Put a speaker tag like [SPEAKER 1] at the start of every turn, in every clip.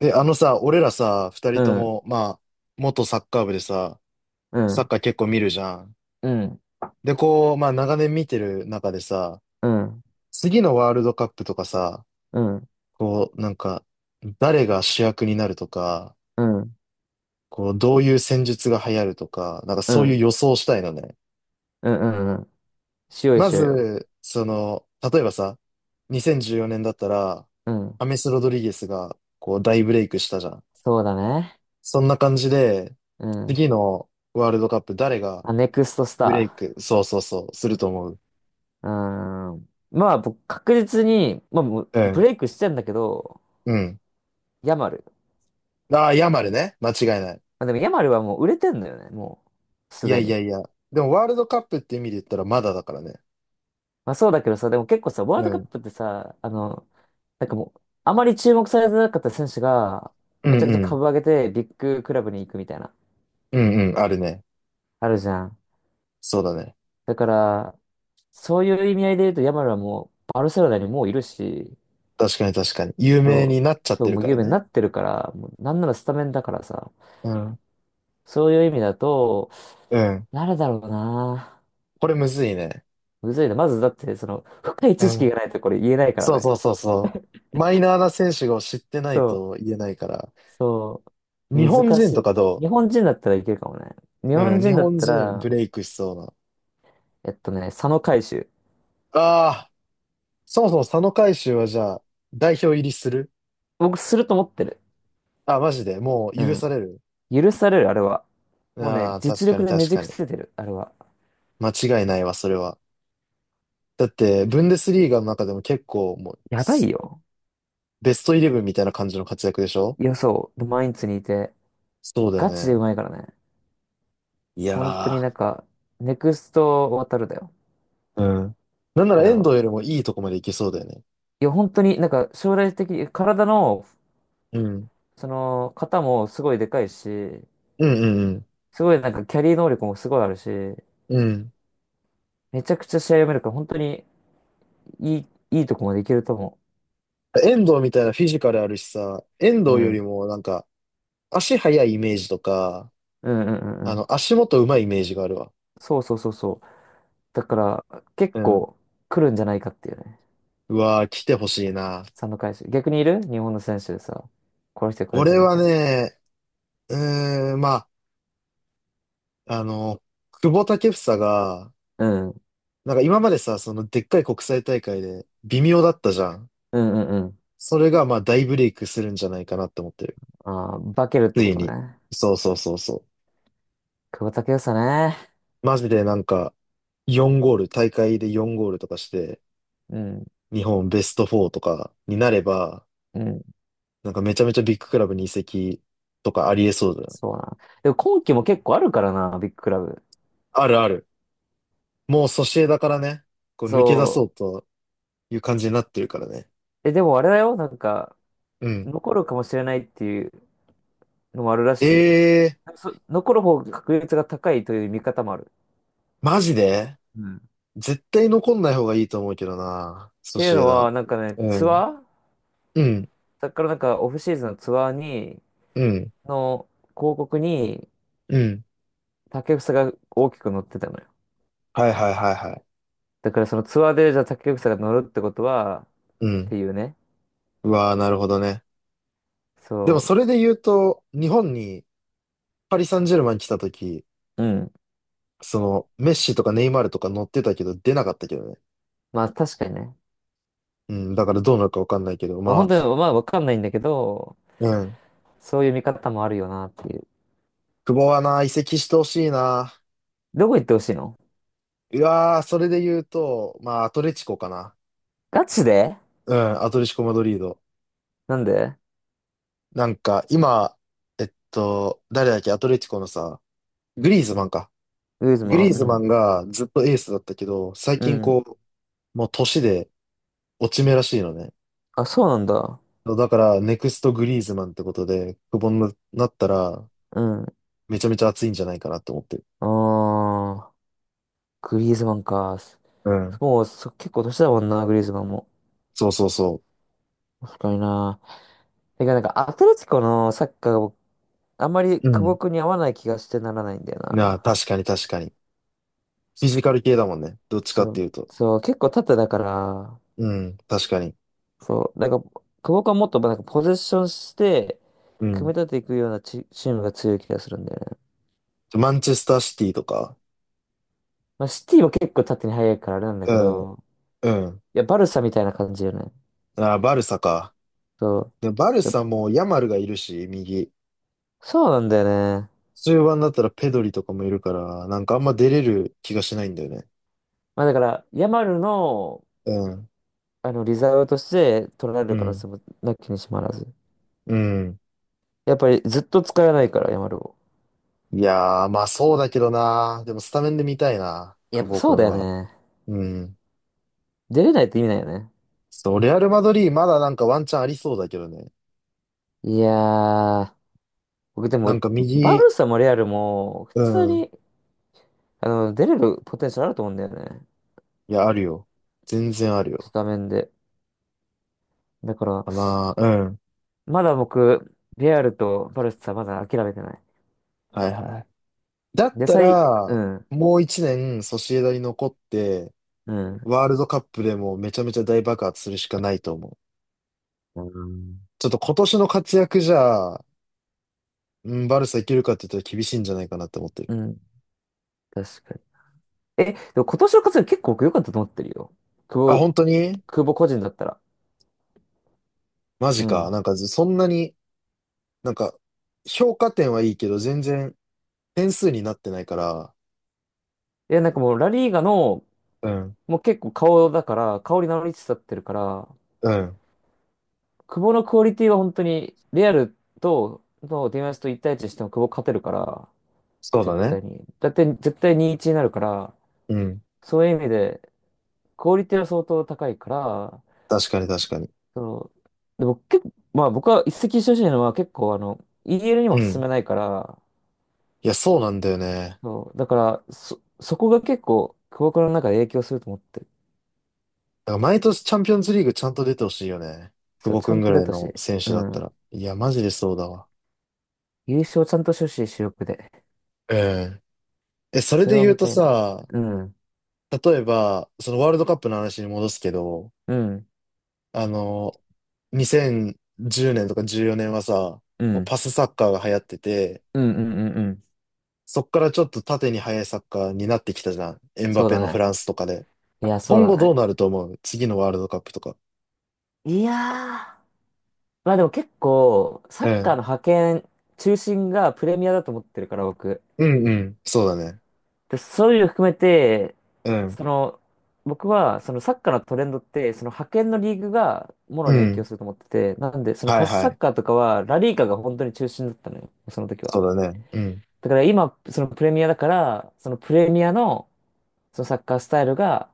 [SPEAKER 1] あのさ、俺らさ、二人
[SPEAKER 2] う
[SPEAKER 1] と
[SPEAKER 2] ん、
[SPEAKER 1] も、まあ、元サッカー部でさ、
[SPEAKER 2] う
[SPEAKER 1] サッ
[SPEAKER 2] ん、
[SPEAKER 1] カー結構見るじゃん。
[SPEAKER 2] うん、
[SPEAKER 1] で、こう、まあ、長年見てる中でさ、
[SPEAKER 2] うん、
[SPEAKER 1] 次のワールドカップとかさ、
[SPEAKER 2] うん、
[SPEAKER 1] こう、なんか、誰が主役になるとか、
[SPEAKER 2] うん、うん、
[SPEAKER 1] こう、どういう戦術が流行るとか、なんか
[SPEAKER 2] う
[SPEAKER 1] そういう
[SPEAKER 2] ん、
[SPEAKER 1] 予想したいのね。
[SPEAKER 2] うん、うん。しようよ、
[SPEAKER 1] ま
[SPEAKER 2] しようよ。
[SPEAKER 1] ず、その、例えばさ、2014年だったら、
[SPEAKER 2] うん。
[SPEAKER 1] アメス・ロドリゲスが、こう、大ブレイクしたじゃん。
[SPEAKER 2] そうだね。
[SPEAKER 1] そんな感じで、
[SPEAKER 2] うん。
[SPEAKER 1] 次のワールドカップ誰が
[SPEAKER 2] あ、ネクストス
[SPEAKER 1] ブレイ
[SPEAKER 2] タ
[SPEAKER 1] ク、そうそうそう、すると思う。
[SPEAKER 2] ー。うーん。まあ、僕、確実に、まあ、もう
[SPEAKER 1] う
[SPEAKER 2] ブ
[SPEAKER 1] ん、
[SPEAKER 2] レイクしてんだけど、
[SPEAKER 1] うん。
[SPEAKER 2] ヤマル。
[SPEAKER 1] ああ、ヤマルね。間違いない。
[SPEAKER 2] まあ、でも、ヤマルはもう売れてんだよね、もう、
[SPEAKER 1] い
[SPEAKER 2] す
[SPEAKER 1] や
[SPEAKER 2] で
[SPEAKER 1] いや
[SPEAKER 2] に。
[SPEAKER 1] いや。でも、ワールドカップって意味で言ったらまだだからね。
[SPEAKER 2] まあ、そうだけどさ、でも結構さ、ワー
[SPEAKER 1] う
[SPEAKER 2] ルドカ
[SPEAKER 1] ん。
[SPEAKER 2] ップってさ、あの、なんかもう、あまり注目されてなかった選手が、
[SPEAKER 1] うん
[SPEAKER 2] めちゃく
[SPEAKER 1] う
[SPEAKER 2] ちゃ
[SPEAKER 1] ん。
[SPEAKER 2] 株上げて、ビッグクラブに行くみたいな、
[SPEAKER 1] うんうん。あるね。
[SPEAKER 2] あるじゃん。
[SPEAKER 1] そうだね。
[SPEAKER 2] だから、そういう意味合いで言うと、ヤマルはもう、バルセロナにもういるし、
[SPEAKER 1] 確かに確かに。有
[SPEAKER 2] そ
[SPEAKER 1] 名に
[SPEAKER 2] う、
[SPEAKER 1] なっちゃっ
[SPEAKER 2] そう、
[SPEAKER 1] てる
[SPEAKER 2] もう
[SPEAKER 1] から
[SPEAKER 2] 有名にな
[SPEAKER 1] ね。
[SPEAKER 2] ってるから、もうなんならスタメンだからさ、
[SPEAKER 1] うん。
[SPEAKER 2] そういう意味だと、
[SPEAKER 1] うん。
[SPEAKER 2] 誰だろうな。
[SPEAKER 1] これむずいね。
[SPEAKER 2] むずいな。まずだって、その、深い知
[SPEAKER 1] う
[SPEAKER 2] 識
[SPEAKER 1] ん。
[SPEAKER 2] がないとこれ言えないから
[SPEAKER 1] そう
[SPEAKER 2] ね。
[SPEAKER 1] そうそうそう。マイナーな選手を知ってな
[SPEAKER 2] そ
[SPEAKER 1] い
[SPEAKER 2] う、
[SPEAKER 1] と言えないから。
[SPEAKER 2] そ
[SPEAKER 1] 日
[SPEAKER 2] う、
[SPEAKER 1] 本
[SPEAKER 2] 難
[SPEAKER 1] 人
[SPEAKER 2] し
[SPEAKER 1] とか
[SPEAKER 2] い。
[SPEAKER 1] ど
[SPEAKER 2] 日本人だったらいけるかもね。日
[SPEAKER 1] うう
[SPEAKER 2] 本
[SPEAKER 1] ん。日
[SPEAKER 2] 人だっ
[SPEAKER 1] 本
[SPEAKER 2] た
[SPEAKER 1] 人
[SPEAKER 2] ら、
[SPEAKER 1] ブレイクしそうな。
[SPEAKER 2] 佐野海舟。
[SPEAKER 1] ああ、そもそも佐野海舟はじゃあ、代表入りする。
[SPEAKER 2] 僕、すると思ってる。
[SPEAKER 1] あ、マジで、もう
[SPEAKER 2] う
[SPEAKER 1] 許さ
[SPEAKER 2] ん。
[SPEAKER 1] れる。
[SPEAKER 2] 許される、あれは。もう
[SPEAKER 1] あ
[SPEAKER 2] ね、
[SPEAKER 1] あ、確
[SPEAKER 2] 実
[SPEAKER 1] かに
[SPEAKER 2] 力でね
[SPEAKER 1] 確
[SPEAKER 2] じ
[SPEAKER 1] か
[SPEAKER 2] 伏
[SPEAKER 1] に。
[SPEAKER 2] せてる、あれは。
[SPEAKER 1] 間違いないわ、それは。だって、ブンデスリーガの中でも結構、もう、
[SPEAKER 2] やばいよ。
[SPEAKER 1] ベストイレブンみたいな感じの活躍でしょ？
[SPEAKER 2] いや、そう。で毎日にいて、
[SPEAKER 1] そうだよ
[SPEAKER 2] ガチでう
[SPEAKER 1] ね。
[SPEAKER 2] まいからね。
[SPEAKER 1] い
[SPEAKER 2] 本当に
[SPEAKER 1] や
[SPEAKER 2] なんか、ネクスト渡るだよ。
[SPEAKER 1] ー、うん。なんなら
[SPEAKER 2] 彼
[SPEAKER 1] 遠
[SPEAKER 2] は。
[SPEAKER 1] 藤よりもいいとこまでいけそうだよね。
[SPEAKER 2] いや、本当になんか、将来的に、体の、
[SPEAKER 1] うん。
[SPEAKER 2] その、型もすごいでかいし、
[SPEAKER 1] うんうん
[SPEAKER 2] すごいなんか、キャリー能力もすごいあるし、
[SPEAKER 1] うん。うん。
[SPEAKER 2] めちゃくちゃ試合読めるから、本当に、いいとこまでいけると思
[SPEAKER 1] 遠藤みたいなフィジカルあるしさ、遠
[SPEAKER 2] う。う
[SPEAKER 1] 藤より
[SPEAKER 2] ん。
[SPEAKER 1] もなんか、足速いイメージとか、
[SPEAKER 2] うんうんうんう
[SPEAKER 1] あ
[SPEAKER 2] ん。
[SPEAKER 1] の、足元上手いイメージがあるわ。
[SPEAKER 2] そうそうそうそう。だから、結
[SPEAKER 1] うん。
[SPEAKER 2] 構、来るんじゃないかっていうね。
[SPEAKER 1] うわー、来てほしいな。
[SPEAKER 2] 佐野返し逆にいる日本の選手でさ、この人来るんじゃ
[SPEAKER 1] 俺
[SPEAKER 2] ない
[SPEAKER 1] は
[SPEAKER 2] かって。
[SPEAKER 1] ね、まあ、あの、久保建英が、
[SPEAKER 2] うん。う
[SPEAKER 1] なんか今までさ、そのでっかい国際大会で微妙だったじゃん。
[SPEAKER 2] んうんうん。
[SPEAKER 1] それがまあ大ブレイクするんじゃないかなって思ってる。
[SPEAKER 2] あー、化けるっ
[SPEAKER 1] つ
[SPEAKER 2] てこ
[SPEAKER 1] い
[SPEAKER 2] と
[SPEAKER 1] に。
[SPEAKER 2] ね。
[SPEAKER 1] そうそうそうそ
[SPEAKER 2] 久保建英ね。
[SPEAKER 1] う。マジでなんか4ゴール、大会で4ゴールとかして、
[SPEAKER 2] うん、
[SPEAKER 1] 日本ベスト4とかになれば、
[SPEAKER 2] うん。
[SPEAKER 1] なんかめちゃめちゃビッグクラブに移籍とかありえそうだよ。
[SPEAKER 2] そうな。でも今季も結構あるからな、ビッグクラブ。
[SPEAKER 1] あるある。もうソシエダからね、こう抜け出
[SPEAKER 2] そ
[SPEAKER 1] そうという感じになってるからね。
[SPEAKER 2] う。え、でもあれだよ、なんか、
[SPEAKER 1] うん。
[SPEAKER 2] 残るかもしれないっていうのもあるら
[SPEAKER 1] え
[SPEAKER 2] しいよ。
[SPEAKER 1] えー、
[SPEAKER 2] そ、残る方が確率が高いという見方もある。
[SPEAKER 1] マジで
[SPEAKER 2] うんっ
[SPEAKER 1] 絶対残んない方がいいと思うけどな。ソ
[SPEAKER 2] ていう
[SPEAKER 1] シエ
[SPEAKER 2] の
[SPEAKER 1] ダ。
[SPEAKER 2] は、なんかね、
[SPEAKER 1] う
[SPEAKER 2] ツ
[SPEAKER 1] ん。
[SPEAKER 2] アー
[SPEAKER 1] うん。
[SPEAKER 2] だからなんかオフシーズンのツアーに、
[SPEAKER 1] うん。
[SPEAKER 2] の広告に
[SPEAKER 1] うん。
[SPEAKER 2] 竹房が大きく載ってたのよ。
[SPEAKER 1] はいはいはいはい。
[SPEAKER 2] だからそのツアーでじゃあ竹房が乗るってことは、っ
[SPEAKER 1] う
[SPEAKER 2] て
[SPEAKER 1] ん。
[SPEAKER 2] いうね。
[SPEAKER 1] うわあ、なるほどね。でも
[SPEAKER 2] そ
[SPEAKER 1] それで言うと、日本にパリ・サンジェルマン来た時、
[SPEAKER 2] う。うん。
[SPEAKER 1] その、メッシとかネイマールとか乗ってたけど出なかったけどね。
[SPEAKER 2] まあ確かにね。
[SPEAKER 1] うん。だからどうなるかわかんないけど、
[SPEAKER 2] まあ
[SPEAKER 1] まあ、
[SPEAKER 2] 本当に、まあわかんないんだけど、
[SPEAKER 1] うん。
[SPEAKER 2] そういう見方もあるよなっていう。
[SPEAKER 1] 久保はな、移籍してほしいな。
[SPEAKER 2] どこ行ってほしいの
[SPEAKER 1] うわー、それで言うと、まあ、アトレチコかな。
[SPEAKER 2] ガチで
[SPEAKER 1] うん、アトレチコ・マドリード。
[SPEAKER 2] なんで
[SPEAKER 1] なんか、今、誰だっけ、アトレチコのさ、グリーズマンか。
[SPEAKER 2] グリーズ
[SPEAKER 1] グ
[SPEAKER 2] マン
[SPEAKER 1] リーズマ
[SPEAKER 2] う
[SPEAKER 1] ンがずっとエースだったけど、最
[SPEAKER 2] ん。う
[SPEAKER 1] 近
[SPEAKER 2] ん。
[SPEAKER 1] こう、もう年で落ち目らしいのね。
[SPEAKER 2] あ、そうなんだ。
[SPEAKER 1] だから、ネクストグリーズマンってことで、久保になったら、
[SPEAKER 2] うん。
[SPEAKER 1] めちゃめちゃ熱いんじゃないかなって思ってる。
[SPEAKER 2] あー、グリーズマンか。
[SPEAKER 1] うん。
[SPEAKER 2] もうそ結構年だもんな、グリーズマンも。
[SPEAKER 1] そうそうそ
[SPEAKER 2] 確かにな。てかなんかアトレティコのサッカーが僕あんまり
[SPEAKER 1] う。う
[SPEAKER 2] 久保
[SPEAKER 1] ん。
[SPEAKER 2] 君に合わない気がしてならないんだよ
[SPEAKER 1] なあ、
[SPEAKER 2] な。
[SPEAKER 1] 確かに確かに。フィジカル系だもんね。どっちかっ
[SPEAKER 2] そう、
[SPEAKER 1] ていうと。
[SPEAKER 2] そう、結構縦だから、
[SPEAKER 1] うん、確かに。
[SPEAKER 2] そう、なんか、久保君はもっとなんかポゼッションして、
[SPEAKER 1] う
[SPEAKER 2] 組
[SPEAKER 1] ん。
[SPEAKER 2] み立てていくようなチ、チームが強い気がするんだよね。
[SPEAKER 1] マンチェスターシティとか。
[SPEAKER 2] まあ、シティは結構縦に速いからあれなんだ
[SPEAKER 1] う
[SPEAKER 2] け
[SPEAKER 1] ん、
[SPEAKER 2] ど、
[SPEAKER 1] うん。
[SPEAKER 2] いや、バルサみたいな感じよね。
[SPEAKER 1] ああ、バルサか。
[SPEAKER 2] そ
[SPEAKER 1] で、バル
[SPEAKER 2] う。で
[SPEAKER 1] サもヤマルがいるし、右。
[SPEAKER 2] そうなんだよね。
[SPEAKER 1] 中盤だったらペドリとかもいるから、なんかあんま出れる気がしないんだよね。
[SPEAKER 2] まあ、だから、ヤマルの、
[SPEAKER 1] うん、
[SPEAKER 2] あの、リザーブとして取られ
[SPEAKER 1] う
[SPEAKER 2] る可能
[SPEAKER 1] ん、
[SPEAKER 2] 性もなきにしもあらず。
[SPEAKER 1] うん。
[SPEAKER 2] やっぱりずっと使えないから、ヤマルを。
[SPEAKER 1] いやー、まあそうだけどな。でもスタメンで見たいな、
[SPEAKER 2] や
[SPEAKER 1] 久
[SPEAKER 2] っぱ
[SPEAKER 1] 保く
[SPEAKER 2] そう
[SPEAKER 1] ん
[SPEAKER 2] だよ
[SPEAKER 1] は。
[SPEAKER 2] ね。
[SPEAKER 1] うん。
[SPEAKER 2] 出れないって意味ないよね。
[SPEAKER 1] そう、レアル・マドリーまだなんかワンチャンありそうだけどね。
[SPEAKER 2] いやー、僕で
[SPEAKER 1] なん
[SPEAKER 2] も、
[SPEAKER 1] か
[SPEAKER 2] バ
[SPEAKER 1] 右、
[SPEAKER 2] ルサもレアルも、普
[SPEAKER 1] う
[SPEAKER 2] 通
[SPEAKER 1] ん。
[SPEAKER 2] に、あの、出れるポテンシャルあると思うんだよね。
[SPEAKER 1] いや、あるよ。全然ある
[SPEAKER 2] ス
[SPEAKER 1] よ。
[SPEAKER 2] タメンで。だから、
[SPEAKER 1] かな。うん。
[SPEAKER 2] まだ僕、リアルとバルスはまだ諦めてない。
[SPEAKER 1] はいはい。だっ
[SPEAKER 2] 野
[SPEAKER 1] た
[SPEAKER 2] 菜、う
[SPEAKER 1] ら、
[SPEAKER 2] ん、
[SPEAKER 1] もう一年ソシエダに残って、
[SPEAKER 2] うん、
[SPEAKER 1] ワールドカップでもめちゃめちゃ大爆発するしかないと思う。
[SPEAKER 2] うん。
[SPEAKER 1] ちょっと今年の活躍じゃ、うん、バルサいけるかって言ったら厳しいんじゃないかなって思ってる。
[SPEAKER 2] うん、確かに。え、でも今年の活躍結構僕良かったと思ってるよ。
[SPEAKER 1] あ、
[SPEAKER 2] 久保、
[SPEAKER 1] 本当に
[SPEAKER 2] 久保個人だったら。
[SPEAKER 1] マ
[SPEAKER 2] う
[SPEAKER 1] ジか。
[SPEAKER 2] ん。
[SPEAKER 1] なんか、そんなに、なんか、評価点はいいけど、全然点数になってないから。
[SPEAKER 2] いや、なんかもうラリーガの、
[SPEAKER 1] うん。
[SPEAKER 2] もう結構顔だから、顔に名乗りつつあってるから、
[SPEAKER 1] うん。
[SPEAKER 2] 久保のクオリティは本当に、リアルと、のディマスと一対一しても久保勝てるから、
[SPEAKER 1] そうだ
[SPEAKER 2] 絶
[SPEAKER 1] ね。
[SPEAKER 2] 対に。だって絶対2-1になるから、
[SPEAKER 1] うん。
[SPEAKER 2] そういう意味で、クオリティは相当高いから、
[SPEAKER 1] 確かに確かに。
[SPEAKER 2] そう、でも結構、まあ僕は一石一鳥じゃなのは結構あの、イーエ l に
[SPEAKER 1] う
[SPEAKER 2] も進
[SPEAKER 1] ん。
[SPEAKER 2] めないから、
[SPEAKER 1] いや、そうなんだよね。
[SPEAKER 2] そう、だから、そ、そこが結構、クボクの中で影響すると思ってる。
[SPEAKER 1] だから毎年チャンピオンズリーグちゃんと出てほしいよね。久
[SPEAKER 2] そう、
[SPEAKER 1] 保
[SPEAKER 2] ち
[SPEAKER 1] く
[SPEAKER 2] ゃ
[SPEAKER 1] ん
[SPEAKER 2] ん
[SPEAKER 1] ぐ
[SPEAKER 2] と
[SPEAKER 1] ら
[SPEAKER 2] 出
[SPEAKER 1] い
[SPEAKER 2] たし、
[SPEAKER 1] の選
[SPEAKER 2] う
[SPEAKER 1] 手だった
[SPEAKER 2] ん。
[SPEAKER 1] ら。いや、マジでそうだわ。
[SPEAKER 2] 優勝ちゃんとしてほしい、主力で。
[SPEAKER 1] うん。え、それ
[SPEAKER 2] それ
[SPEAKER 1] で
[SPEAKER 2] を
[SPEAKER 1] 言う
[SPEAKER 2] 見
[SPEAKER 1] と
[SPEAKER 2] たいね。
[SPEAKER 1] さ、
[SPEAKER 2] うん、
[SPEAKER 1] 例えば、そのワールドカップの話に戻すけど、
[SPEAKER 2] うん、
[SPEAKER 1] あの、2010年とか14年はさ、
[SPEAKER 2] うん、う
[SPEAKER 1] こう
[SPEAKER 2] ん、
[SPEAKER 1] パスサッカーが流行ってて、
[SPEAKER 2] うん、うん、うん。
[SPEAKER 1] そっからちょっと縦に速いサッカーになってきたじゃん。エンバ
[SPEAKER 2] そう
[SPEAKER 1] ペ
[SPEAKER 2] だ
[SPEAKER 1] のフ
[SPEAKER 2] ね。
[SPEAKER 1] ランスとかで。
[SPEAKER 2] いや、そ
[SPEAKER 1] 今
[SPEAKER 2] うだ
[SPEAKER 1] 後どう
[SPEAKER 2] ね。
[SPEAKER 1] なると思う次のワールドカップとか。
[SPEAKER 2] いやー、まあでも結構、サ
[SPEAKER 1] う
[SPEAKER 2] ッカー
[SPEAKER 1] ん。
[SPEAKER 2] の覇権、中心がプレミアだと思ってるから、僕。
[SPEAKER 1] うんうん。そうだね。
[SPEAKER 2] で、そういうの含めて、
[SPEAKER 1] うん。
[SPEAKER 2] その、僕は、そのサッカーのトレンドって、その派遣のリーグがも
[SPEAKER 1] う
[SPEAKER 2] ろに影響
[SPEAKER 1] ん。
[SPEAKER 2] すると思ってて、なんで、その
[SPEAKER 1] はい
[SPEAKER 2] パス
[SPEAKER 1] は
[SPEAKER 2] サ
[SPEAKER 1] い。
[SPEAKER 2] ッカーとかは、ラリーカが本当に中心だったのよ、その時は。
[SPEAKER 1] そうだね。うん。
[SPEAKER 2] だから今、そのプレミアだから、そのプレミアの、そのサッカースタイルが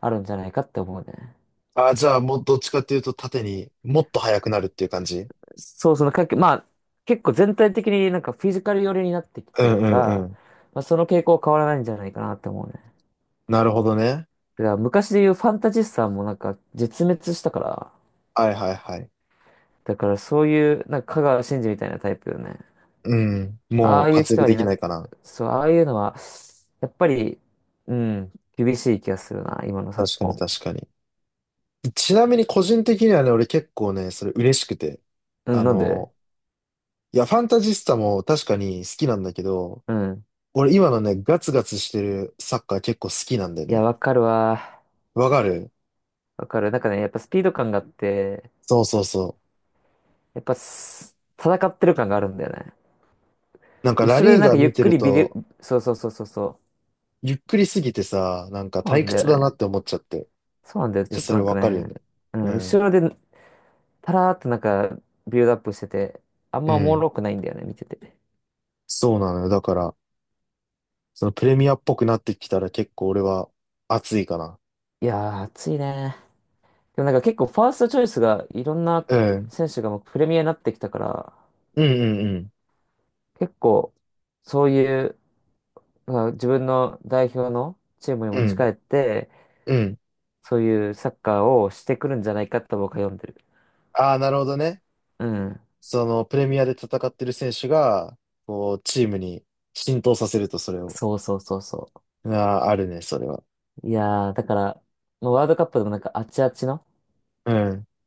[SPEAKER 2] あるんじゃないかって思うね。
[SPEAKER 1] あ、じゃあもうどっちかっていうと縦にもっと速くなるっていう感じ。
[SPEAKER 2] そうそのかけ、まあ、結構全体的になんかフィジカル寄りになってき
[SPEAKER 1] う
[SPEAKER 2] てるか
[SPEAKER 1] んうんう
[SPEAKER 2] ら、
[SPEAKER 1] ん。
[SPEAKER 2] まあ、その傾向は変わらないんじゃないかなって思うね。
[SPEAKER 1] なるほどね。
[SPEAKER 2] だから昔で言うファンタジスタもなんか絶滅したから、
[SPEAKER 1] はいはいはい。
[SPEAKER 2] だからそういう、なんか香川真司みたいなタイプよね。
[SPEAKER 1] うん。
[SPEAKER 2] あ
[SPEAKER 1] もう
[SPEAKER 2] あいう
[SPEAKER 1] 活
[SPEAKER 2] 人
[SPEAKER 1] 躍
[SPEAKER 2] は
[SPEAKER 1] で
[SPEAKER 2] い
[SPEAKER 1] き
[SPEAKER 2] な、
[SPEAKER 1] ないかな。
[SPEAKER 2] そう、ああいうのは、やっぱり、うん、厳しい気がするな、今の昨
[SPEAKER 1] 確かに
[SPEAKER 2] 今。
[SPEAKER 1] 確かに。ちなみに個人的にはね、俺結構ね、それ嬉しくて。
[SPEAKER 2] う
[SPEAKER 1] あ
[SPEAKER 2] ん、なんで
[SPEAKER 1] の、いや、ファンタジスタも確かに好きなんだけど、
[SPEAKER 2] うん。
[SPEAKER 1] 俺今のね、ガツガツしてるサッカー結構好きなんで
[SPEAKER 2] いや、
[SPEAKER 1] ね。
[SPEAKER 2] わかるわ。
[SPEAKER 1] わかる？
[SPEAKER 2] わかる。なんかね、やっぱスピード感があって、
[SPEAKER 1] そうそうそ
[SPEAKER 2] やっぱす、戦ってる感があるんだよね。
[SPEAKER 1] う。なんかラ
[SPEAKER 2] 後ろで
[SPEAKER 1] リー
[SPEAKER 2] なん
[SPEAKER 1] ガ
[SPEAKER 2] かゆ
[SPEAKER 1] 見
[SPEAKER 2] っ
[SPEAKER 1] て
[SPEAKER 2] く
[SPEAKER 1] る
[SPEAKER 2] りビデ、
[SPEAKER 1] と、
[SPEAKER 2] そうそうそうそうそう。
[SPEAKER 1] ゆっくりすぎてさ、なんか
[SPEAKER 2] そうな
[SPEAKER 1] 退
[SPEAKER 2] んだよ
[SPEAKER 1] 屈だなっ
[SPEAKER 2] ね。
[SPEAKER 1] て思っちゃって。
[SPEAKER 2] そうなんだよ。
[SPEAKER 1] いや、
[SPEAKER 2] ちょっ
[SPEAKER 1] そ
[SPEAKER 2] と
[SPEAKER 1] れ
[SPEAKER 2] なんか
[SPEAKER 1] わかるよ
[SPEAKER 2] ね、
[SPEAKER 1] ね。
[SPEAKER 2] う
[SPEAKER 1] う
[SPEAKER 2] ん、
[SPEAKER 1] ん。
[SPEAKER 2] 後ろで、タラーっとなんか、ビルドアップしてて、あん
[SPEAKER 1] う
[SPEAKER 2] まおも
[SPEAKER 1] ん。
[SPEAKER 2] ろくないんだよね、見てて。
[SPEAKER 1] そうなのよ。だから、そのプレミアっぽくなってきたら結構俺は熱いかな。
[SPEAKER 2] いやー、暑いね。でもなんか結構ファーストチョイスがいろんな
[SPEAKER 1] うん。
[SPEAKER 2] 選手がもうプレミアになってきたから、
[SPEAKER 1] うんうん
[SPEAKER 2] 結構そういう、まあ、自分の代表のチームに
[SPEAKER 1] う
[SPEAKER 2] 持ち帰
[SPEAKER 1] ん。
[SPEAKER 2] って、
[SPEAKER 1] うん。うん。
[SPEAKER 2] そういうサッカーをしてくるんじゃないかと僕は読んでる。
[SPEAKER 1] ああ、なるほどね。
[SPEAKER 2] うん。
[SPEAKER 1] そのプレミアで戦ってる選手が、こう、チームに浸透させるとそれを。
[SPEAKER 2] そうそうそうそ
[SPEAKER 1] ああ、あるね、それは。
[SPEAKER 2] う。いやー、だから、もうワールドカップでもなんかあちあちの、
[SPEAKER 1] うん。い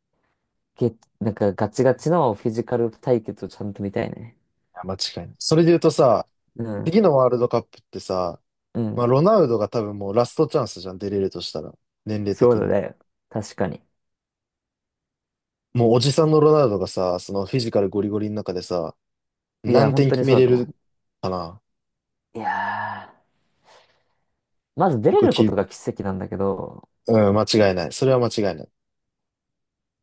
[SPEAKER 2] げ、なんかガチガチのフィジカル対決をちゃんと見たいね。
[SPEAKER 1] や間違いない。それで言うとさ、
[SPEAKER 2] うん。
[SPEAKER 1] 次のワールドカップってさ、
[SPEAKER 2] うん。
[SPEAKER 1] まあ、ロナウドが多分もうラストチャンスじゃん、出れるとしたら。年齢
[SPEAKER 2] そう
[SPEAKER 1] 的
[SPEAKER 2] だ
[SPEAKER 1] に。
[SPEAKER 2] ね。確かに。
[SPEAKER 1] もうおじさんのロナウドがさ、そのフィジカルゴリゴリの中でさ、
[SPEAKER 2] いや、
[SPEAKER 1] 何
[SPEAKER 2] 本
[SPEAKER 1] 点
[SPEAKER 2] 当
[SPEAKER 1] 決
[SPEAKER 2] に
[SPEAKER 1] め
[SPEAKER 2] そうだ
[SPEAKER 1] れ
[SPEAKER 2] と思
[SPEAKER 1] るかな。
[SPEAKER 2] う。いやー。まず出
[SPEAKER 1] 結
[SPEAKER 2] れ
[SPEAKER 1] 構
[SPEAKER 2] るこ
[SPEAKER 1] き、
[SPEAKER 2] とが奇跡なんだけど、
[SPEAKER 1] うん、間違いない。それは間違いない。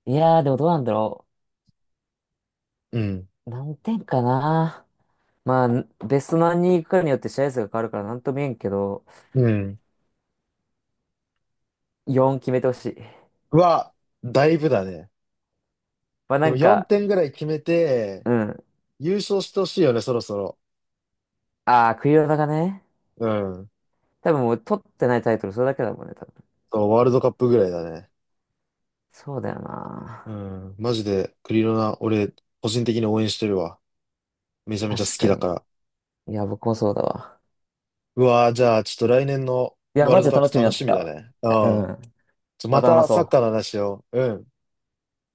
[SPEAKER 2] いやーでもどうなんだろ
[SPEAKER 1] うん。
[SPEAKER 2] う。何点かな。まあ、ベスト何人行くかによって試合数が変わるからなんとも言えんけど、
[SPEAKER 1] うん。
[SPEAKER 2] 4決めてほしい。
[SPEAKER 1] は、だいぶだね。
[SPEAKER 2] まあ
[SPEAKER 1] で
[SPEAKER 2] な
[SPEAKER 1] も
[SPEAKER 2] ん
[SPEAKER 1] 4
[SPEAKER 2] か、
[SPEAKER 1] 点ぐらい決めて、
[SPEAKER 2] うん。
[SPEAKER 1] 優勝してほしいよね、そろそろ。
[SPEAKER 2] ああ、クリロナがね、
[SPEAKER 1] うん。
[SPEAKER 2] 多分もう取ってないタイトルそれだけだもんね、多分。
[SPEAKER 1] そう、ワールドカップぐらいだね。
[SPEAKER 2] そうだよ
[SPEAKER 1] う
[SPEAKER 2] な。
[SPEAKER 1] ん。マジで、クリロナ、俺、個人的に応援してるわ。めちゃめちゃ好
[SPEAKER 2] 確
[SPEAKER 1] き
[SPEAKER 2] か
[SPEAKER 1] だか
[SPEAKER 2] に。
[SPEAKER 1] ら。
[SPEAKER 2] いや、僕もそうだわ。
[SPEAKER 1] うわー、じゃあ、ちょっと来年の
[SPEAKER 2] いや、
[SPEAKER 1] ワー
[SPEAKER 2] マ
[SPEAKER 1] ルド
[SPEAKER 2] ジで
[SPEAKER 1] カ
[SPEAKER 2] 楽
[SPEAKER 1] ッ
[SPEAKER 2] し
[SPEAKER 1] プ
[SPEAKER 2] みにな
[SPEAKER 1] 楽
[SPEAKER 2] って
[SPEAKER 1] し
[SPEAKER 2] き
[SPEAKER 1] み
[SPEAKER 2] た
[SPEAKER 1] だ
[SPEAKER 2] わ。
[SPEAKER 1] ね。う
[SPEAKER 2] う
[SPEAKER 1] ん。
[SPEAKER 2] ん。ま
[SPEAKER 1] ま
[SPEAKER 2] た話
[SPEAKER 1] た
[SPEAKER 2] そ
[SPEAKER 1] サッカーの
[SPEAKER 2] う。
[SPEAKER 1] 話を。うん。